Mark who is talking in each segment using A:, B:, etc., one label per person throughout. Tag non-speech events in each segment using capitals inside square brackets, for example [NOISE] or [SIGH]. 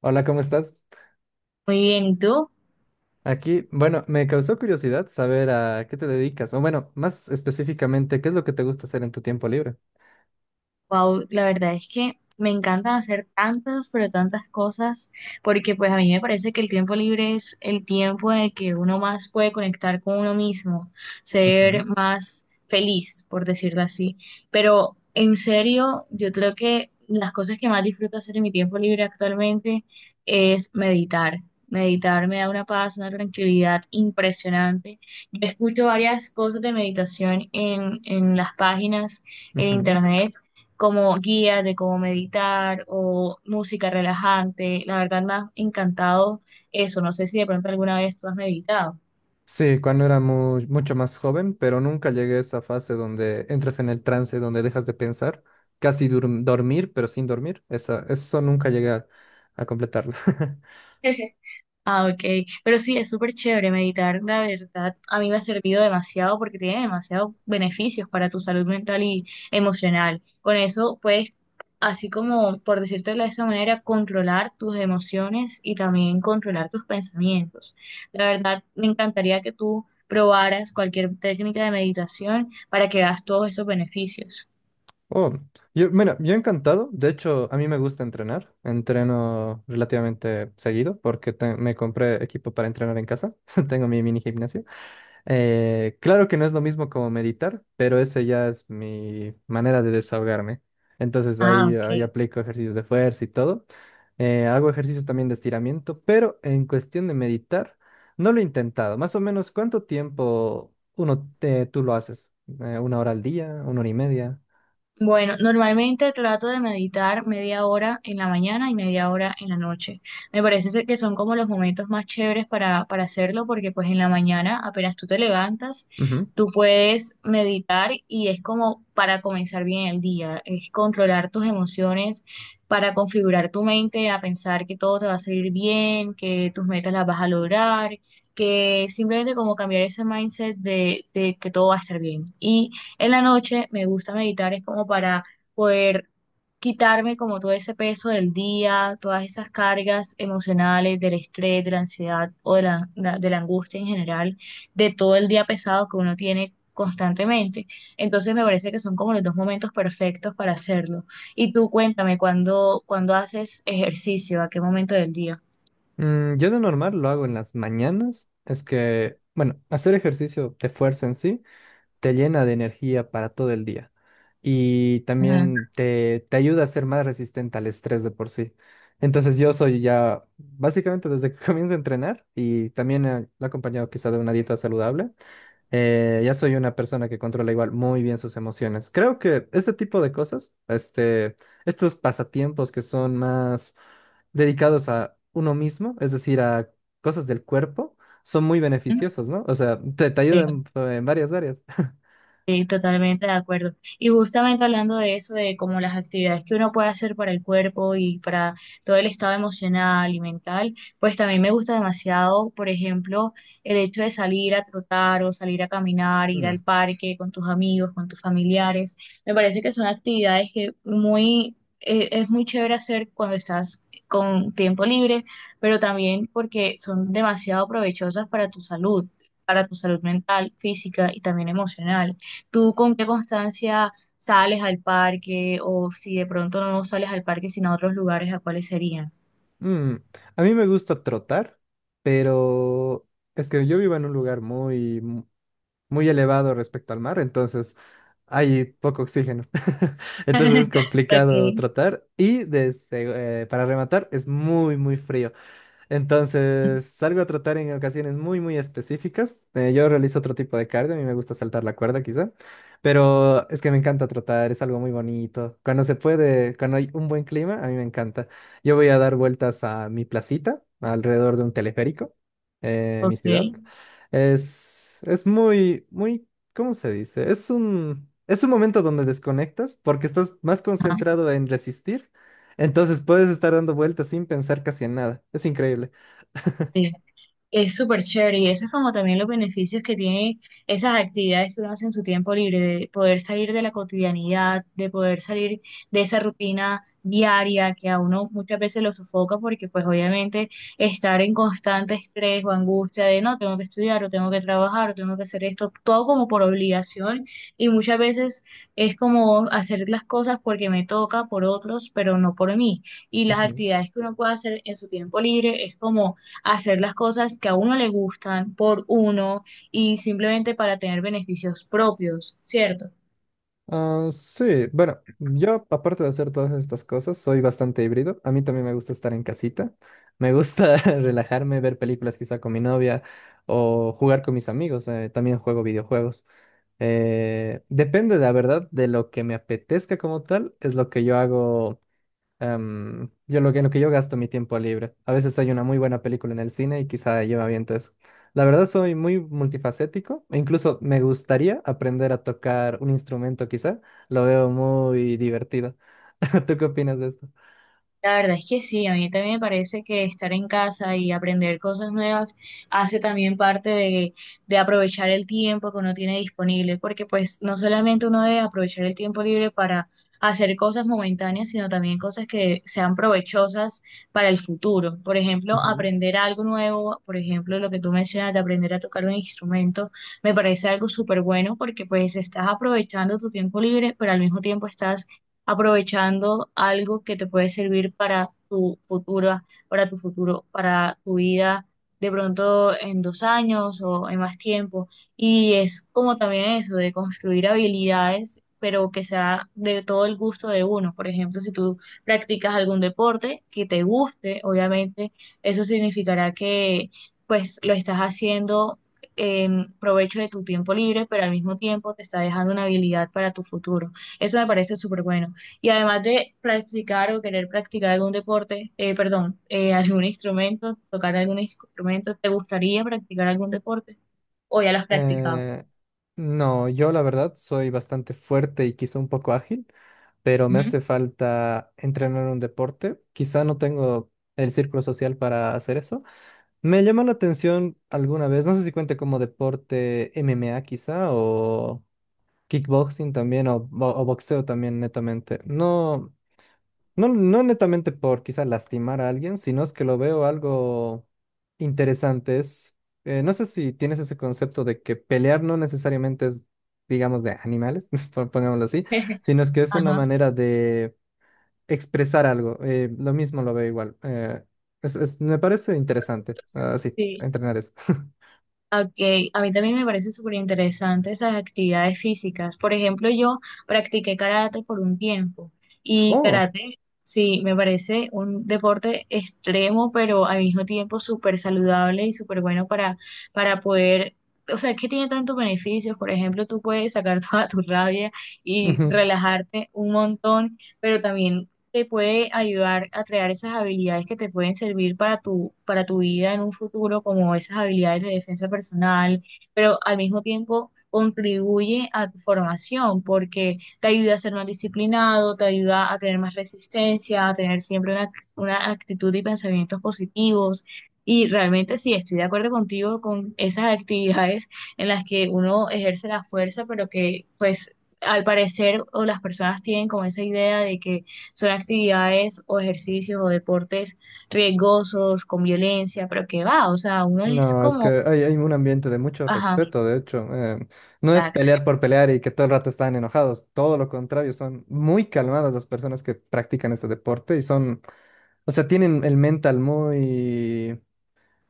A: Hola, ¿cómo estás?
B: Muy bien, ¿y tú?
A: Aquí, bueno, me causó curiosidad saber a qué te dedicas, o bueno, más específicamente, ¿qué es lo que te gusta hacer en tu tiempo libre?
B: Wow, la verdad es que me encantan hacer tantas, pero tantas cosas, porque pues a mí me parece que el tiempo libre es el tiempo en el que uno más puede conectar con uno mismo, ser
A: Ujú.
B: más feliz, por decirlo así. Pero en serio, yo creo que las cosas que más disfruto hacer en mi tiempo libre actualmente es meditar. Meditar me da una paz, una tranquilidad impresionante. Yo escucho varias cosas de meditación en las páginas en
A: Ujú.
B: internet como guía de cómo meditar o música relajante. La verdad me ha encantado eso. No sé si de pronto alguna vez tú has meditado.
A: Sí, cuando era mucho más joven, pero nunca llegué a esa fase donde entras en el trance, donde dejas de pensar, casi dormir, pero sin dormir. Esa, eso nunca llegué a completarlo. [LAUGHS]
B: [LAUGHS] Ah, ok. Pero sí, es súper chévere meditar, la verdad. A mí me ha servido demasiado porque tiene demasiados beneficios para tu salud mental y emocional. Con eso puedes, así como, por decírtelo de esa manera, controlar tus emociones y también controlar tus pensamientos. La verdad, me encantaría que tú probaras cualquier técnica de meditación para que veas todos esos beneficios.
A: Oh, yo, mira, yo encantado. De hecho, a mí me gusta entrenar. Entreno relativamente seguido porque me compré equipo para entrenar en casa. [LAUGHS] Tengo mi mini gimnasio. Claro que no es lo mismo como meditar, pero ese ya es mi manera de desahogarme. Entonces
B: Ah,
A: ahí
B: ok.
A: aplico ejercicios de fuerza y todo. Hago ejercicios también de estiramiento, pero en cuestión de meditar, no lo he intentado. Más o menos, ¿cuánto tiempo uno tú lo haces? ¿Una hora al día? ¿Una hora y media?
B: Bueno, normalmente trato de meditar media hora en la mañana y media hora en la noche. Me parece ser que son como los momentos más chéveres para hacerlo porque pues en la mañana apenas tú te levantas, tú puedes meditar y es como para comenzar bien el día, es controlar tus emociones, para configurar tu mente a pensar que todo te va a salir bien, que tus metas las vas a lograr, que simplemente como cambiar ese mindset de que todo va a estar bien. Y en la noche me gusta meditar, es como para poder quitarme como todo ese peso del día, todas esas cargas emocionales, del estrés, de la ansiedad o de la angustia en general, de todo el día pesado que uno tiene constantemente. Entonces me parece que son como los dos momentos perfectos para hacerlo. Y tú cuéntame, ¿cuándo haces ejercicio? ¿A qué momento del día?
A: Yo de normal lo hago en las mañanas. Es que, bueno, hacer ejercicio de fuerza en sí te llena de energía para todo el día y
B: Ujú.
A: también te ayuda a ser más resistente al estrés de por sí. Entonces yo soy ya, básicamente desde que [LAUGHS] comienzo a entrenar y también lo he acompañado quizá de una dieta saludable, ya soy una persona que controla igual muy bien sus emociones. Creo que este tipo de cosas, estos pasatiempos que son más dedicados a uno mismo, es decir, a cosas del cuerpo, son muy beneficiosos, ¿no? O sea, te
B: Sí.
A: ayudan en varias áreas.
B: Sí, totalmente de acuerdo. Y justamente hablando de eso, de como las actividades que uno puede hacer para el cuerpo y para todo el estado emocional y mental, pues también me gusta demasiado, por ejemplo, el hecho de salir a trotar o salir a caminar, ir al
A: Mm,
B: parque con tus amigos, con tus familiares. Me parece que son actividades que muy, es muy chévere hacer cuando estás con tiempo libre, pero también porque son demasiado provechosas para tu salud mental, física y también emocional. ¿Tú con qué constancia sales al parque o si de pronto no sales al parque sino a otros lugares, a cuáles serían?
A: mm. A mí me gusta trotar, pero es que yo vivo en un lugar muy elevado respecto al mar, entonces hay poco oxígeno. [LAUGHS] Entonces es complicado
B: Ok,
A: tratar y desde, para rematar es muy frío. Entonces, salgo a trotar en ocasiones muy específicas. Yo realizo otro tipo de cardio, a mí me gusta saltar la cuerda quizá, pero es que me encanta trotar, es algo muy bonito. Cuando se puede, cuando hay un buen clima, a mí me encanta. Yo voy a dar vueltas a mi placita, alrededor de un teleférico, en mi ciudad.
B: ok.
A: Es, es muy, muy, ¿Cómo se dice? Es un momento donde desconectas porque estás más
B: Ah,
A: concentrado en resistir. Entonces puedes estar dando vueltas sin pensar casi en nada. Es increíble.
B: sí. Es súper chévere y eso es como también los beneficios que tiene esas actividades que uno hace en su tiempo libre, de poder salir de la cotidianidad, de poder salir de esa rutina diaria que a uno muchas veces lo sofoca porque pues obviamente estar en constante estrés o angustia de no, tengo que estudiar o tengo que trabajar o tengo que hacer esto, todo como por obligación y muchas veces es como hacer las cosas porque me toca por otros, pero no por mí. Y las
A: Ujú.
B: actividades que uno puede hacer en su tiempo libre es como hacer las cosas que a uno le gustan por uno y simplemente para tener beneficios propios, ¿cierto?
A: Ah, sí, bueno, yo aparte de hacer todas estas cosas, soy bastante híbrido. A mí también me gusta estar en casita. Me gusta [LAUGHS] relajarme, ver películas quizá con mi novia o jugar con mis amigos. También juego videojuegos. Depende, la verdad, de lo que me apetezca como tal, es lo que yo hago en lo que yo gasto mi tiempo libre. A veces hay una muy buena película en el cine y quizá yo me aviento eso. La verdad soy muy multifacético e incluso me gustaría aprender a tocar un instrumento quizá. Lo veo muy divertido. [LAUGHS] ¿Tú qué opinas de esto?
B: La verdad es que sí, a mí también me parece que estar en casa y aprender cosas nuevas hace también parte de aprovechar el tiempo que uno tiene disponible, porque pues no solamente uno debe aprovechar el tiempo libre para hacer cosas momentáneas, sino también cosas que sean provechosas para el futuro. Por ejemplo,
A: Ujú.
B: aprender algo nuevo, por ejemplo, lo que tú mencionas de aprender a tocar un instrumento, me parece algo súper bueno porque pues estás aprovechando tu tiempo libre, pero al mismo tiempo estás aprovechando algo que te puede servir para tu futuro, para tu vida de pronto en 2 años o en más tiempo. Y es como también eso, de construir habilidades, pero que sea de todo el gusto de uno. Por ejemplo, si tú practicas algún deporte que te guste, obviamente eso significará que pues lo estás haciendo en provecho de tu tiempo libre, pero al mismo tiempo te está dejando una habilidad para tu futuro. Eso me parece súper bueno. Y además de practicar o querer practicar algún deporte, perdón, algún instrumento, tocar algún instrumento, ¿te gustaría practicar algún deporte? ¿O ya lo has practicado?
A: Eh, no, yo la verdad soy bastante fuerte y quizá un poco ágil, pero me
B: Ujú.
A: hace falta entrenar un deporte. Quizá no tengo el círculo social para hacer eso. Me llamó la atención alguna vez, no sé si cuente como deporte MMA quizá, o kickboxing también, o, o boxeo también netamente. No, no, no netamente por quizá lastimar a alguien, sino es que lo veo algo interesante. No sé si tienes ese concepto de que pelear no necesariamente es, digamos, de animales, [LAUGHS] pongámoslo así,
B: [LAUGHS]
A: sino es que es una
B: Ajá.
A: manera de expresar algo. Lo mismo lo veo igual. Me parece interesante, así,
B: Sí.
A: entrenar eso.
B: Ok, a mí también me parece súper interesante esas actividades físicas. Por ejemplo, yo practiqué karate por un tiempo y
A: Oh,
B: karate, sí, me parece un deporte extremo, pero al mismo tiempo súper saludable y súper bueno para poder, o sea, que tiene tantos beneficios. Por ejemplo, tú puedes sacar [LAUGHS] toda tu rabia y
A: ujú.
B: relajarte un montón, pero también te puede ayudar a crear esas habilidades que te pueden servir para tu vida en un futuro, como esas habilidades de defensa personal, pero al mismo tiempo contribuye a tu formación porque te ayuda a ser más disciplinado, te ayuda a tener más resistencia, a tener siempre una actitud y pensamientos positivos. Y realmente sí, estoy de acuerdo contigo con esas actividades en las que uno ejerce la fuerza, pero que pues al parecer o las personas tienen como esa idea de que son actividades o ejercicios o deportes riesgosos, con violencia, pero que va, o sea, uno es
A: No, es
B: como,
A: que hay un ambiente de mucho
B: ajá,
A: respeto, de hecho. No es
B: exacto.
A: pelear por pelear y que todo el rato están enojados, todo lo contrario, son muy calmadas las personas que practican este deporte y son, o sea, tienen el mental muy,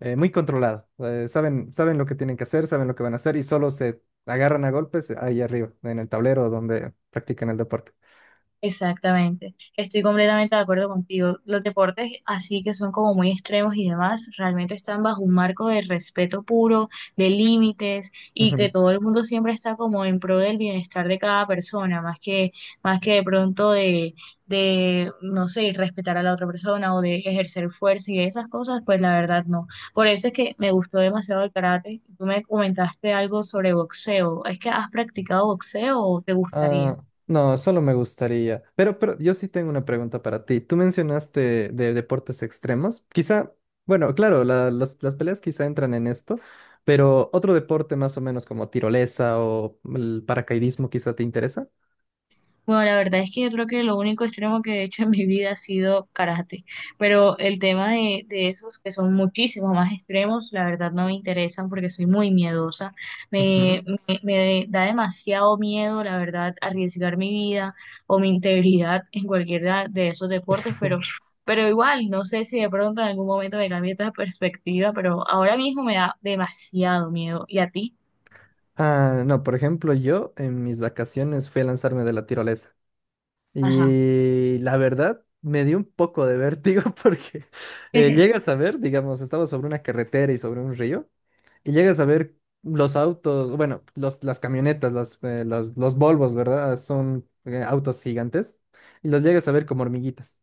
A: eh, muy controlado. Saben lo que tienen que hacer, saben lo que van a hacer y solo se agarran a golpes ahí arriba, en el tablero donde practican el deporte.
B: Exactamente, estoy completamente de acuerdo contigo. Los deportes así que son como muy extremos y demás, realmente están bajo un marco de respeto puro, de límites y que todo el mundo siempre está como en pro del bienestar de cada persona, más que de pronto de no sé, respetar a la otra persona o de ejercer fuerza y esas cosas, pues la verdad no. Por eso es que me gustó demasiado el karate. Tú me comentaste algo sobre boxeo. ¿Es que has practicado boxeo o te gustaría?
A: Ah, no, solo me gustaría. Pero yo sí tengo una pregunta para ti. Tú mencionaste de deportes extremos. Quizá, bueno, claro, las peleas quizá entran en esto, pero otro deporte más o menos como tirolesa o el paracaidismo quizá te interesa.
B: Bueno, la verdad es que yo creo que lo único extremo que he hecho en mi vida ha sido karate, pero el tema de esos que son muchísimos más extremos, la verdad no me interesan porque soy muy miedosa.
A: Ujú.
B: Me da demasiado miedo, la verdad, arriesgar mi vida o mi integridad en cualquiera de esos deportes,
A: [LAUGHS]
B: pero igual, no sé si de pronto en algún momento me cambie esta perspectiva, pero ahora mismo me da demasiado miedo. ¿Y a ti?
A: Ah, no, por ejemplo, yo en mis vacaciones fui a lanzarme de la tirolesa
B: Ajá.
A: y la verdad me dio un poco de vértigo [LAUGHS] porque llegas
B: [LAUGHS]
A: a ver, digamos, estaba sobre una carretera y sobre un río. Y llegas a ver los autos, bueno, los, las camionetas, los Volvos, ¿verdad? Son autos gigantes. Y los llegas a ver como hormiguitas.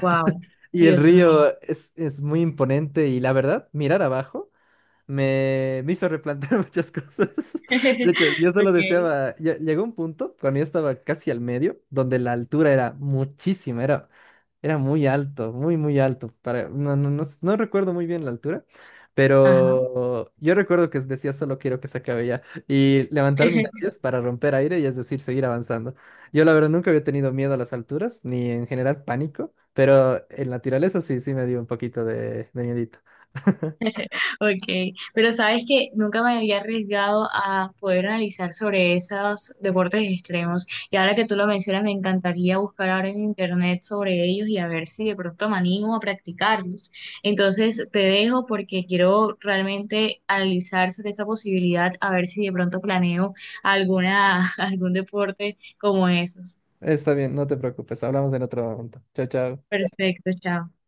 B: Wow,
A: Y el
B: Dios mío.
A: río es muy imponente y la verdad, mirar abajo. Me hizo replantear [LAUGHS] muchas cosas. De hecho,
B: [LAUGHS]
A: yo solo
B: Ok.
A: deseaba, llegó un punto cuando yo estaba casi al medio, donde la altura era muchísima, era, era muy alto, muy, muy alto. Para, no, no, no, no recuerdo muy bien la altura,
B: Ajá,
A: pero yo recuerdo que decía solo quiero que se acabe ya y levantar mis pies
B: [LAUGHS]
A: para romper aire y es decir, seguir avanzando. Yo la verdad nunca había tenido miedo a las alturas, ni en general pánico, pero en la tiraleza sí, sí me dio un poquito de miedito. [LAUGHS]
B: ok. Pero sabes que nunca me había arriesgado a poder analizar sobre esos deportes extremos. Y ahora que tú lo mencionas, me encantaría buscar ahora en internet sobre ellos y a ver si de pronto me animo a practicarlos. Entonces te dejo porque quiero realmente analizar sobre esa posibilidad, a ver si de pronto planeo alguna, [LAUGHS] algún deporte como esos.
A: Está bien, no te preocupes. Hablamos en otro momento. Chao, chao.
B: Perfecto, chao.